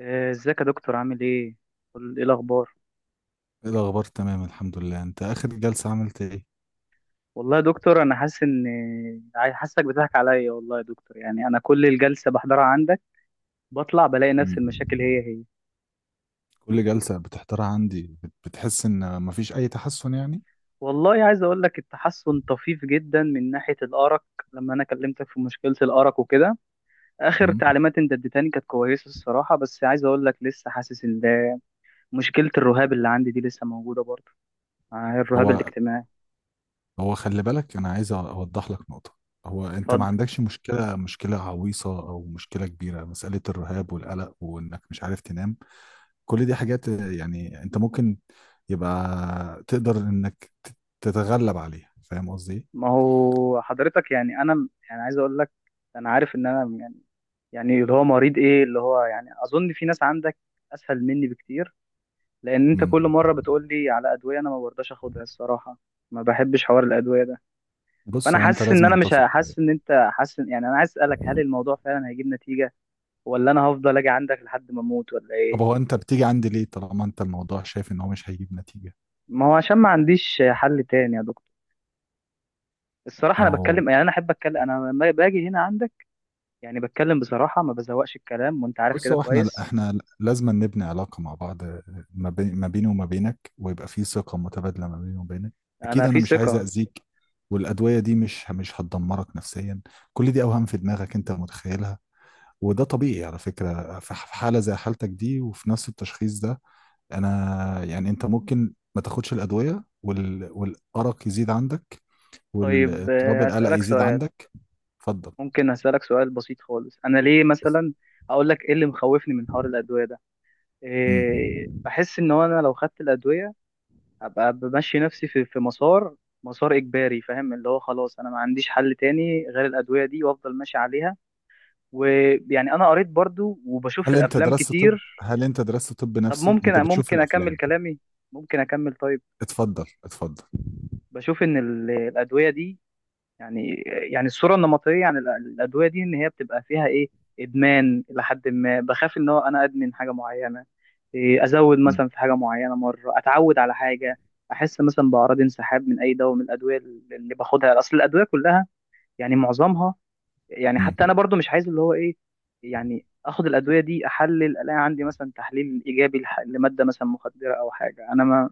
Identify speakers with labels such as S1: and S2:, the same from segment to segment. S1: إيه، ازيك يا دكتور؟ عامل ايه؟ ايه الاخبار؟
S2: ايه الاخبار، تمام، الحمد لله. انت اخر جلسة عملت ايه؟
S1: والله يا دكتور انا حاسس ان حاسسك بتضحك عليا. والله يا دكتور، يعني انا كل الجلسه بحضرها عندك بطلع بلاقي نفس
S2: مم.
S1: المشاكل هي هي.
S2: كل جلسة بتحضرها عندي بتحس ان مفيش اي تحسن يعني.
S1: والله عايز اقول لك، التحسن طفيف جدا من ناحيه الارق. لما انا كلمتك في مشكله الارق وكده، اخر
S2: مم.
S1: تعليمات انت اديتني كانت كويسه الصراحه، بس عايز اقول لك لسه حاسس ان ده. مشكله الرهاب اللي عندي دي لسه موجوده برضه. آه، الرهاب
S2: هو
S1: الاجتماعي.
S2: هو خلي بالك، انا عايز اوضح لك نقطة. هو انت ما
S1: اتفضل.
S2: عندكش مشكلة عويصة او مشكلة كبيرة، مسألة الرهاب والقلق وانك مش عارف تنام، كل دي حاجات يعني انت ممكن، يبقى تقدر انك تتغلب عليها. فاهم قصدي إيه؟
S1: ما هو حضرتك، يعني انا يعني عايز اقول لك، انا عارف ان انا يعني اللي هو مريض، ايه اللي هو يعني، اظن في ناس عندك اسهل مني بكتير. لان انت
S2: مم.
S1: كل مره بتقول لي على ادويه، انا ما برضاش اخدها الصراحه. ما بحبش حوار الادويه ده.
S2: بص
S1: فانا
S2: هو انت
S1: حاسس ان انا
S2: لازم
S1: مش
S2: تثق.
S1: ه- حاسس ان انت يعني انا عايز اسالك، هل الموضوع فعلا هيجيب نتيجه؟ ولا انا هفضل اجي عندك لحد ما اموت ولا
S2: طب
S1: ايه؟
S2: هو انت بتيجي عندي ليه طالما انت الموضوع شايف ان هو مش هيجيب نتيجة؟
S1: ما هو عشان ما عنديش حل تاني يا دكتور. الصراحه
S2: ما
S1: انا
S2: هو
S1: بتكلم، يعني انا احب اتكلم انا لما باجي هنا عندك. يعني بتكلم بصراحه، ما بزوقش الكلام، وانت عارف
S2: بص
S1: كده
S2: هو احنا
S1: كويس.
S2: احنا لازم نبني علاقة مع بعض، ما بيني وما بينك، ويبقى في ثقة متبادلة ما بيني وبينك. اكيد
S1: انا
S2: انا
S1: في
S2: مش عايز
S1: ثقه.
S2: اذيك. والادوية دي مش هتدمرك نفسيا. كل دي اوهام في دماغك انت متخيلها، وده طبيعي على فكرة، في حالة زي حالتك دي وفي نفس التشخيص ده. انا يعني انت ممكن ما تاخدش الادوية، والارق يزيد عندك،
S1: طيب،
S2: والاضطراب القلق
S1: اسالك
S2: يزيد
S1: سؤال.
S2: عندك. اتفضل.
S1: ممكن أسألك سؤال بسيط خالص؟ أنا ليه مثلا أقول لك إيه اللي مخوفني من حوار الأدوية ده؟
S2: مم.
S1: إيه، بحس إن هو أنا لو خدت الأدوية هبقى بمشي نفسي في مسار. مسار إجباري، فاهم؟ اللي هو خلاص أنا ما عنديش حل تاني غير الأدوية دي، وأفضل ماشي عليها. ويعني أنا قريت برضو، وبشوف في الأفلام كتير.
S2: هل انت درست طب
S1: طب
S2: نفسي؟
S1: ممكن
S2: انت بتشوف
S1: ممكن أكمل
S2: الافلام؟
S1: كلامي؟ ممكن أكمل؟ طيب.
S2: اتفضل، اتفضل.
S1: بشوف إن الأدوية دي يعني يعني الصورة النمطية عن الأدوية دي إن هي بتبقى فيها إيه؟ إدمان. إلى حد ما بخاف إن هو أنا أدمن حاجة معينة. إيه، أزود
S2: مم.
S1: مثلا في حاجة معينة، مرة أتعود على حاجة. أحس مثلا بأعراض انسحاب من أي دواء من الأدوية اللي باخدها، أصل الأدوية كلها يعني معظمها. يعني
S2: مم.
S1: حتى أنا برضو مش عايز اللي هو إيه، يعني آخد الأدوية دي أحلل ألاقي عندي مثلا تحليل إيجابي لمادة مثلا مخدرة أو حاجة. أنا ما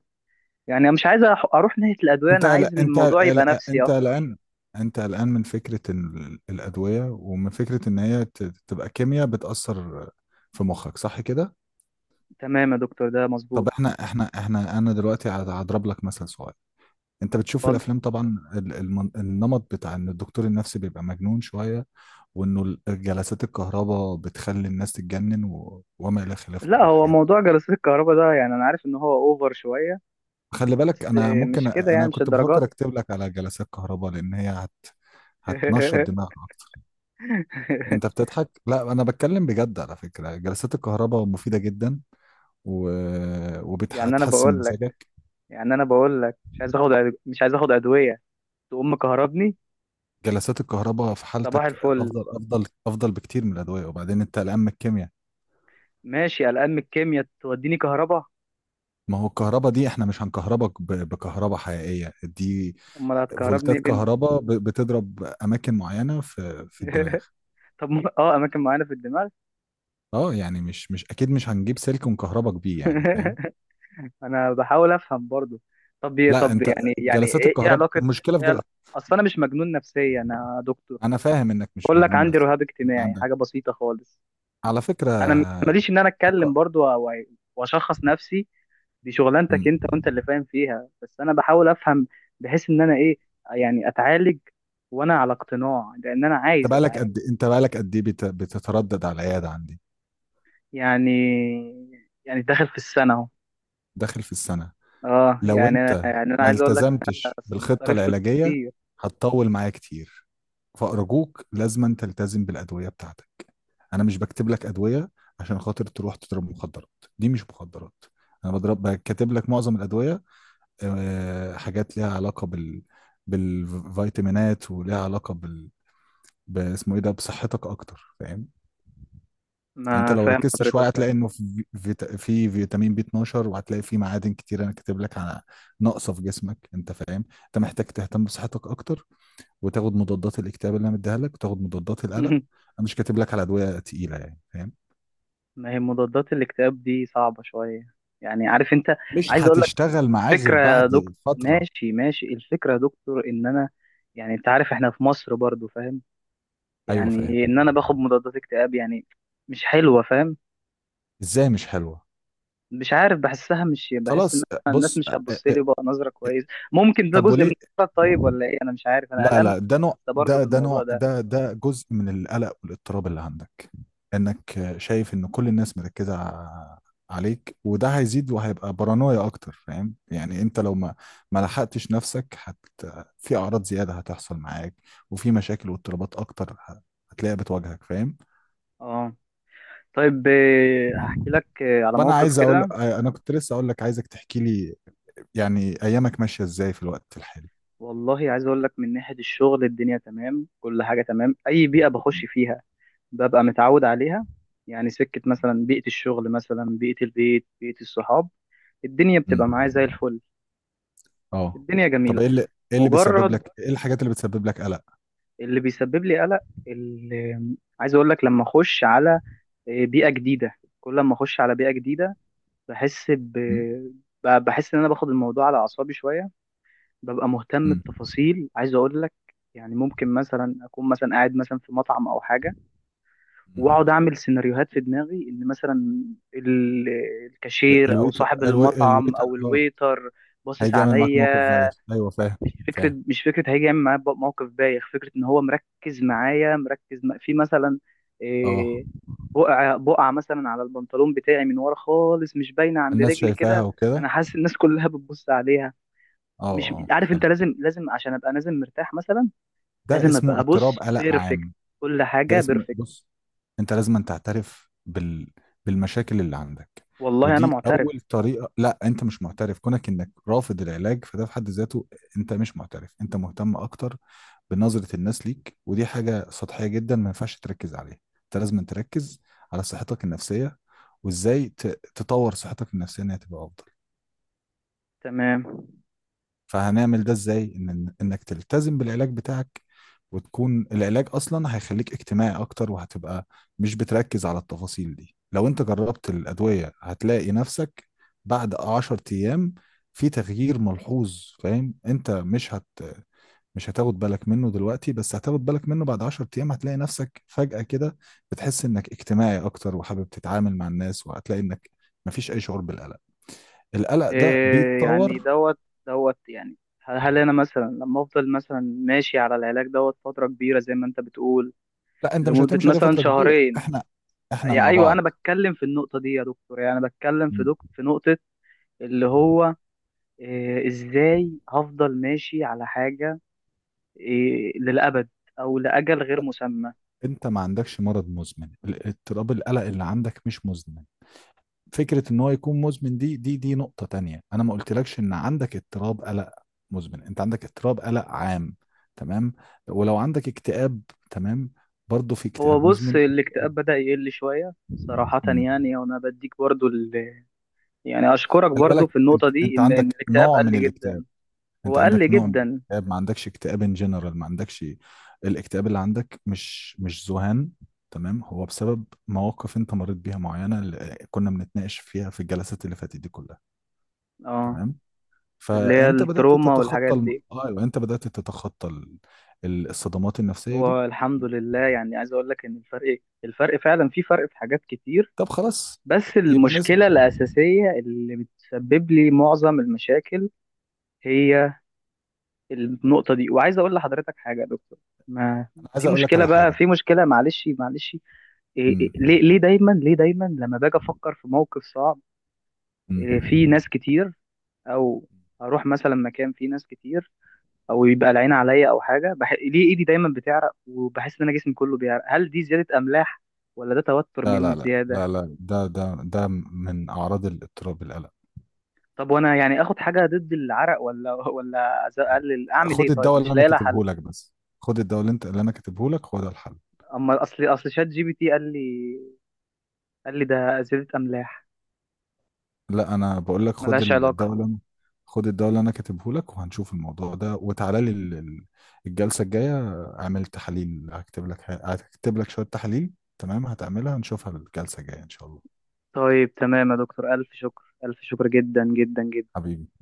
S1: يعني، أنا مش عايز أروح ناحية الأدوية، أنا عايز الموضوع يبقى نفسي
S2: انت
S1: أكتر.
S2: قلقان. انت قلقان من فكرة الأدوية، ومن فكرة ان هي تبقى كيمياء بتأثر في مخك، صح كده؟
S1: تمام يا دكتور، ده مظبوط.
S2: طب احنا احنا احنا انا دلوقتي هضرب لك مثل صغير. انت بتشوف
S1: اتفضل.
S2: الافلام طبعا، النمط بتاع ان الدكتور النفسي بيبقى مجنون شوية، وانه جلسات الكهرباء بتخلي الناس تتجنن وما الى خلافه
S1: لا،
S2: من
S1: هو
S2: الحاجات دي.
S1: موضوع جلسات الكهرباء ده يعني انا عارف ان هو اوفر شويه،
S2: خلي بالك،
S1: بس
S2: انا
S1: مش كده يعني،
S2: انا
S1: مش
S2: كنت
S1: الدرجه
S2: بفكر
S1: دي.
S2: اكتب لك على جلسات كهرباء لان هتنشط دماغك اكتر. انت بتضحك؟ لا انا بتكلم بجد، على فكرة جلسات الكهرباء مفيدة جدا، و...
S1: يعني انا
S2: وبتحسن
S1: بقول لك
S2: مزاجك.
S1: يعني انا بقول لك مش عايز اخد ادويه تقوم مكهربني.
S2: جلسات الكهرباء في
S1: صباح
S2: حالتك
S1: الفل.
S2: افضل افضل افضل بكتير من الادوية، وبعدين انت قلقان من الكيمياء.
S1: ماشي، قلقان من الكيمياء توديني كهرباء.
S2: ما هو الكهرباء دي احنا مش هنكهربك بكهرباء حقيقية، دي
S1: امال هتكهربني
S2: فولتات
S1: ايه بنت؟
S2: كهرباء بتضرب اماكن معينه في الدماغ.
S1: طب اماكن معينه في الدماغ.
S2: اه، يعني مش اكيد، مش هنجيب سلك كهرباء بيه يعني، فاهم.
S1: انا بحاول افهم برضو. طب،
S2: لا
S1: طب،
S2: انت
S1: يعني
S2: جلسات
S1: إيه
S2: الكهرباء
S1: علاقه؟
S2: المشكله في
S1: ايه
S2: جلسة.
S1: علاقه؟ اصل انا مش مجنون نفسيا، انا دكتور.
S2: انا فاهم انك مش
S1: بقول لك
S2: مجنون
S1: عندي
S2: نفسي.
S1: رهاب
S2: انت
S1: اجتماعي،
S2: عندك،
S1: حاجه بسيطه خالص.
S2: على فكره،
S1: انا ماليش ان انا اتكلم
S2: الك-
S1: برضو واشخص نفسي. دي
S2: م.
S1: شغلانتك انت، وانت اللي فاهم فيها، بس انا بحاول افهم. بحيث ان انا ايه، يعني اتعالج وانا على اقتناع، لان انا عايز اتعالج.
S2: انت بقالك قد ايه بتتردد على العياده عندي؟
S1: يعني يعني داخل في السنه اهو.
S2: داخل في السنه.
S1: اه،
S2: لو
S1: يعني انا
S2: انت
S1: يعني انا
S2: ما
S1: عايز اقول لك ان انا
S2: التزمتش بالخطه
S1: صارف في الفلوس
S2: العلاجيه
S1: كتير.
S2: هتطول معايا كتير، فأرجوك لازما تلتزم بالأدوية بتاعتك. انا مش بكتب لك ادويه عشان خاطر تروح تضرب مخدرات، دي مش مخدرات. انا بكتب لك معظم الادويه، حاجات ليها علاقه بالفيتامينات، وليها علاقه باسمه ايه ده، بصحتك اكتر، فاهم. انت
S1: ما
S2: لو
S1: فاهم
S2: ركزت
S1: حضرتك
S2: شويه
S1: فاهم.
S2: هتلاقي انه في فيتامين بي 12، وهتلاقي في معادن كتير انا كاتب لك على ناقصه في جسمك، انت فاهم، انت محتاج تهتم بصحتك اكتر، وتاخد مضادات الاكتئاب اللي انا مديها لك وتاخد مضادات القلق. انا مش كاتب لك على ادويه تقيله يعني، فاهم.
S1: ما هي مضادات الاكتئاب دي صعبه شويه، يعني عارف انت.
S2: مش
S1: عايز اقول
S2: هتشتغل معاه غير
S1: فكرة يا دكتور.
S2: بعد فترة.
S1: ماشي، ماشي، الفكرة يا دكتور ان انا، يعني انت عارف احنا في مصر برضو، فاهم؟
S2: ايوه،
S1: يعني
S2: فاهم.
S1: إيه ان انا باخد مضادات اكتئاب يعني؟ مش حلوة، فاهم؟
S2: ازاي مش حلوة؟
S1: مش عارف، بحسها، مش بحس ان
S2: خلاص،
S1: أنا الناس
S2: بص
S1: مش هتبص لي بقى نظرة كويس. ممكن ده
S2: طب
S1: جزء من
S2: وليه؟
S1: الفكرة، طيب، ولا ايه؟ انا مش عارف، انا
S2: لا،
S1: قلقان.
S2: لا، ده نوع
S1: ده برضه
S2: ده
S1: في
S2: ده
S1: الموضوع
S2: نوع
S1: ده.
S2: ده ده جزء من القلق والاضطراب اللي عندك، انك شايف ان كل الناس مركزة عليك، وده هيزيد وهيبقى بارانويا اكتر، فاهم. يعني انت لو ما لحقتش نفسك في اعراض زيادة هتحصل معاك، وفي مشاكل واضطرابات اكتر هتلاقيها بتواجهك.
S1: اه. طيب، هحكي
S2: فاهم.
S1: لك على
S2: طب
S1: موقف كده.
S2: انا كنت لسه اقول لك عايزك تحكي لي، يعني ايامك ماشيه ازاي في الوقت الحالي؟
S1: والله عايز اقول لك، من ناحية الشغل الدنيا تمام، كل حاجة تمام. اي بيئة بخش فيها ببقى متعود عليها، يعني سكة مثلا، بيئة الشغل مثلا، بيئة البيت، بيئة الصحاب، الدنيا
S2: امم،
S1: بتبقى معايا زي الفل.
S2: اه.
S1: الدنيا
S2: طب
S1: جميلة. مجرد،
S2: ايه الحاجات اللي بتسبب لك قلق؟
S1: اللي بيسبب لي قلق، اللي، عايز اقول لك لما اخش على بيئة جديدة. كل ما اخش على بيئة جديدة بحس ب...
S2: امم.
S1: بحس ان انا باخد الموضوع على اعصابي شوية. ببقى مهتم
S2: امم.
S1: بتفاصيل، عايز اقول لك، يعني ممكن مثلا اكون مثلا قاعد مثلا في مطعم او حاجة،
S2: أمم.
S1: واقعد اعمل سيناريوهات في دماغي ان مثلا ال- الكاشير او صاحب المطعم
S2: الويتر،
S1: او
S2: اه.
S1: الويتر باصص
S2: هيجي يعمل معاك موقف
S1: عليا.
S2: زيك، ايوه، فاهم.
S1: مش فكره
S2: فاهم.
S1: مش فكره هيجي يعمل معايا موقف بايخ، فكره ان هو مركز معايا، مركز في مثلا
S2: اه،
S1: إيه، بقعه بقعه مثلا على البنطلون بتاعي من ورا خالص، مش باينه عند
S2: الناس
S1: رجلي
S2: شايفاها
S1: كده،
S2: وكده.
S1: انا حاسس الناس كلها بتبص عليها.
S2: اه،
S1: مش
S2: اه،
S1: عارف، انت
S2: فاهم.
S1: لازم، لازم عشان ابقى نازل مرتاح مثلا،
S2: ده
S1: لازم
S2: اسمه
S1: ابقى
S2: اضطراب
S1: بص
S2: قلق
S1: بيرفكت،
S2: عام.
S1: كل
S2: ده
S1: حاجه
S2: اسمه
S1: بيرفكت.
S2: بص، انت لازم أن تعترف بالمشاكل اللي عندك.
S1: والله انا
S2: ودي
S1: معترف.
S2: اول طريقه، لا انت مش معترف، كونك انك رافض العلاج فده في حد ذاته. انت مش معترف، انت مهتم اكتر بنظره الناس ليك، ودي حاجه سطحيه جدا ما ينفعش تركز عليها، انت لازم أن تركز على صحتك النفسيه، وازاي ت... تطور صحتك النفسيه انها تبقى افضل.
S1: تمام.
S2: فهنعمل ده ازاي؟ ان انك تلتزم بالعلاج بتاعك، وتكون العلاج اصلا هيخليك اجتماعي اكتر، وهتبقى مش بتركز على التفاصيل دي. لو انت جربت الادوية هتلاقي نفسك بعد 10 ايام في تغيير ملحوظ، فاهم. انت مش هتاخد بالك منه دلوقتي، بس هتاخد بالك منه بعد 10 ايام، هتلاقي نفسك فجأة كده بتحس انك اجتماعي اكتر وحابب تتعامل مع الناس، وهتلاقي انك مفيش اي شعور بالقلق. القلق ده
S1: إيه يعني
S2: بيتطور.
S1: دوت؟ دوت يعني، هل انا مثلا لما افضل مثلا ماشي على العلاج دوت فتره كبيره زي ما انت بتقول،
S2: لا انت مش
S1: لمده
S2: هتمشي عليه
S1: مثلا
S2: فتره كبيره،
S1: شهرين؟
S2: احنا
S1: يا
S2: مع
S1: ايوه، انا
S2: بعض.
S1: بتكلم في النقطه دي يا دكتور، يعني انا بتكلم في دك
S2: م-
S1: في نقطه، اللي هو إيه، ازاي هفضل ماشي على حاجه إيه للابد او لاجل غير مسمى؟
S2: انت ما عندكش مرض مزمن، اضطراب القلق اللي عندك مش مزمن. فكره ان هو يكون مزمن دي نقطه تانية، انا ما قلتلكش ان عندك اضطراب قلق مزمن، انت عندك اضطراب قلق عام. تمام. ولو عندك اكتئاب، تمام، برضه في
S1: هو
S2: اكتئاب
S1: بص،
S2: مزمن.
S1: الاكتئاب بدا يقل شويه صراحه،
S2: مم.
S1: يعني وانا بديك برضو يعني اشكرك
S2: خلي
S1: برضو
S2: بالك،
S1: في النقطه
S2: انت
S1: دي
S2: انت
S1: إن
S2: عندك
S1: الاكتئاب
S2: نوع من
S1: قل
S2: الاكتئاب.
S1: جدا.
S2: انت
S1: هو قل
S2: عندك نوع من
S1: جدا.
S2: الاكتئاب، ما عندكش اكتئاب ان جنرال، ما عندكش، الاكتئاب اللي عندك مش ذهان. تمام. هو بسبب مواقف انت مريت بيها معينه، اللي كنا بنتناقش فيها في الجلسات اللي فاتت دي كلها.
S1: اه.
S2: تمام.
S1: اللي هي
S2: فانت بدات
S1: التروما
S2: تتخطى
S1: والحاجات دي.
S2: ايوه انت بدات تتخطى الصدمات النفسيه دي.
S1: والحمد لله، يعني عايز اقول لك ان الفرق فعلا في فرق في حاجات كتير.
S2: طب خلاص،
S1: بس
S2: يبقى نسمع.
S1: المشكلة الأساسية اللي بتسبب لي معظم المشاكل هي النقطة دي، وعايز اقول لحضرتك حاجة يا دكتور. ما،
S2: انا عايز
S1: في
S2: اقول لك
S1: مشكلة
S2: على
S1: بقى،
S2: حاجه.
S1: في مشكلة، معلش، معلش، إيه
S2: امم.
S1: ليه دايما لما باجي افكر في موقف صعب،
S2: امم.
S1: إيه، في ناس كتير، او اروح مثلا مكان فيه ناس كتير، او يبقى العين عليا او حاجه، ليه ايدي دايما بتعرق وبحس ان انا جسمي كله بيعرق؟ هل دي زياده املاح ولا ده توتر
S2: لا،
S1: مني
S2: لا، لا، لا،
S1: زياده؟
S2: لا، ده من اعراض الاضطراب القلق.
S1: طب وانا يعني اخد حاجه ضد العرق، ولا ولا اقلل، اعمل ايه
S2: خد
S1: طيب؟
S2: الدواء اللي
S1: مش
S2: انا
S1: لاقي لها حل.
S2: كاتبه لك بس. خد الدواء اللي انا كاتبه لك، هو ده الحل.
S1: اما اصل شات GPT قال لي ده زياده املاح.
S2: لا، انا بقول لك
S1: ملهاش علاقه.
S2: خد الدواء اللي انا كاتبه لك، وهنشوف الموضوع ده، وتعالى لي الجلسه الجايه، اعمل تحاليل، هكتب لك شويه تحاليل، تمام، هتعملها نشوفها الجلسه الجايه ان شاء الله.
S1: طيب تمام يا دكتور، الف شكر، الف شكر جدا جدا جدا.
S2: حبيبي.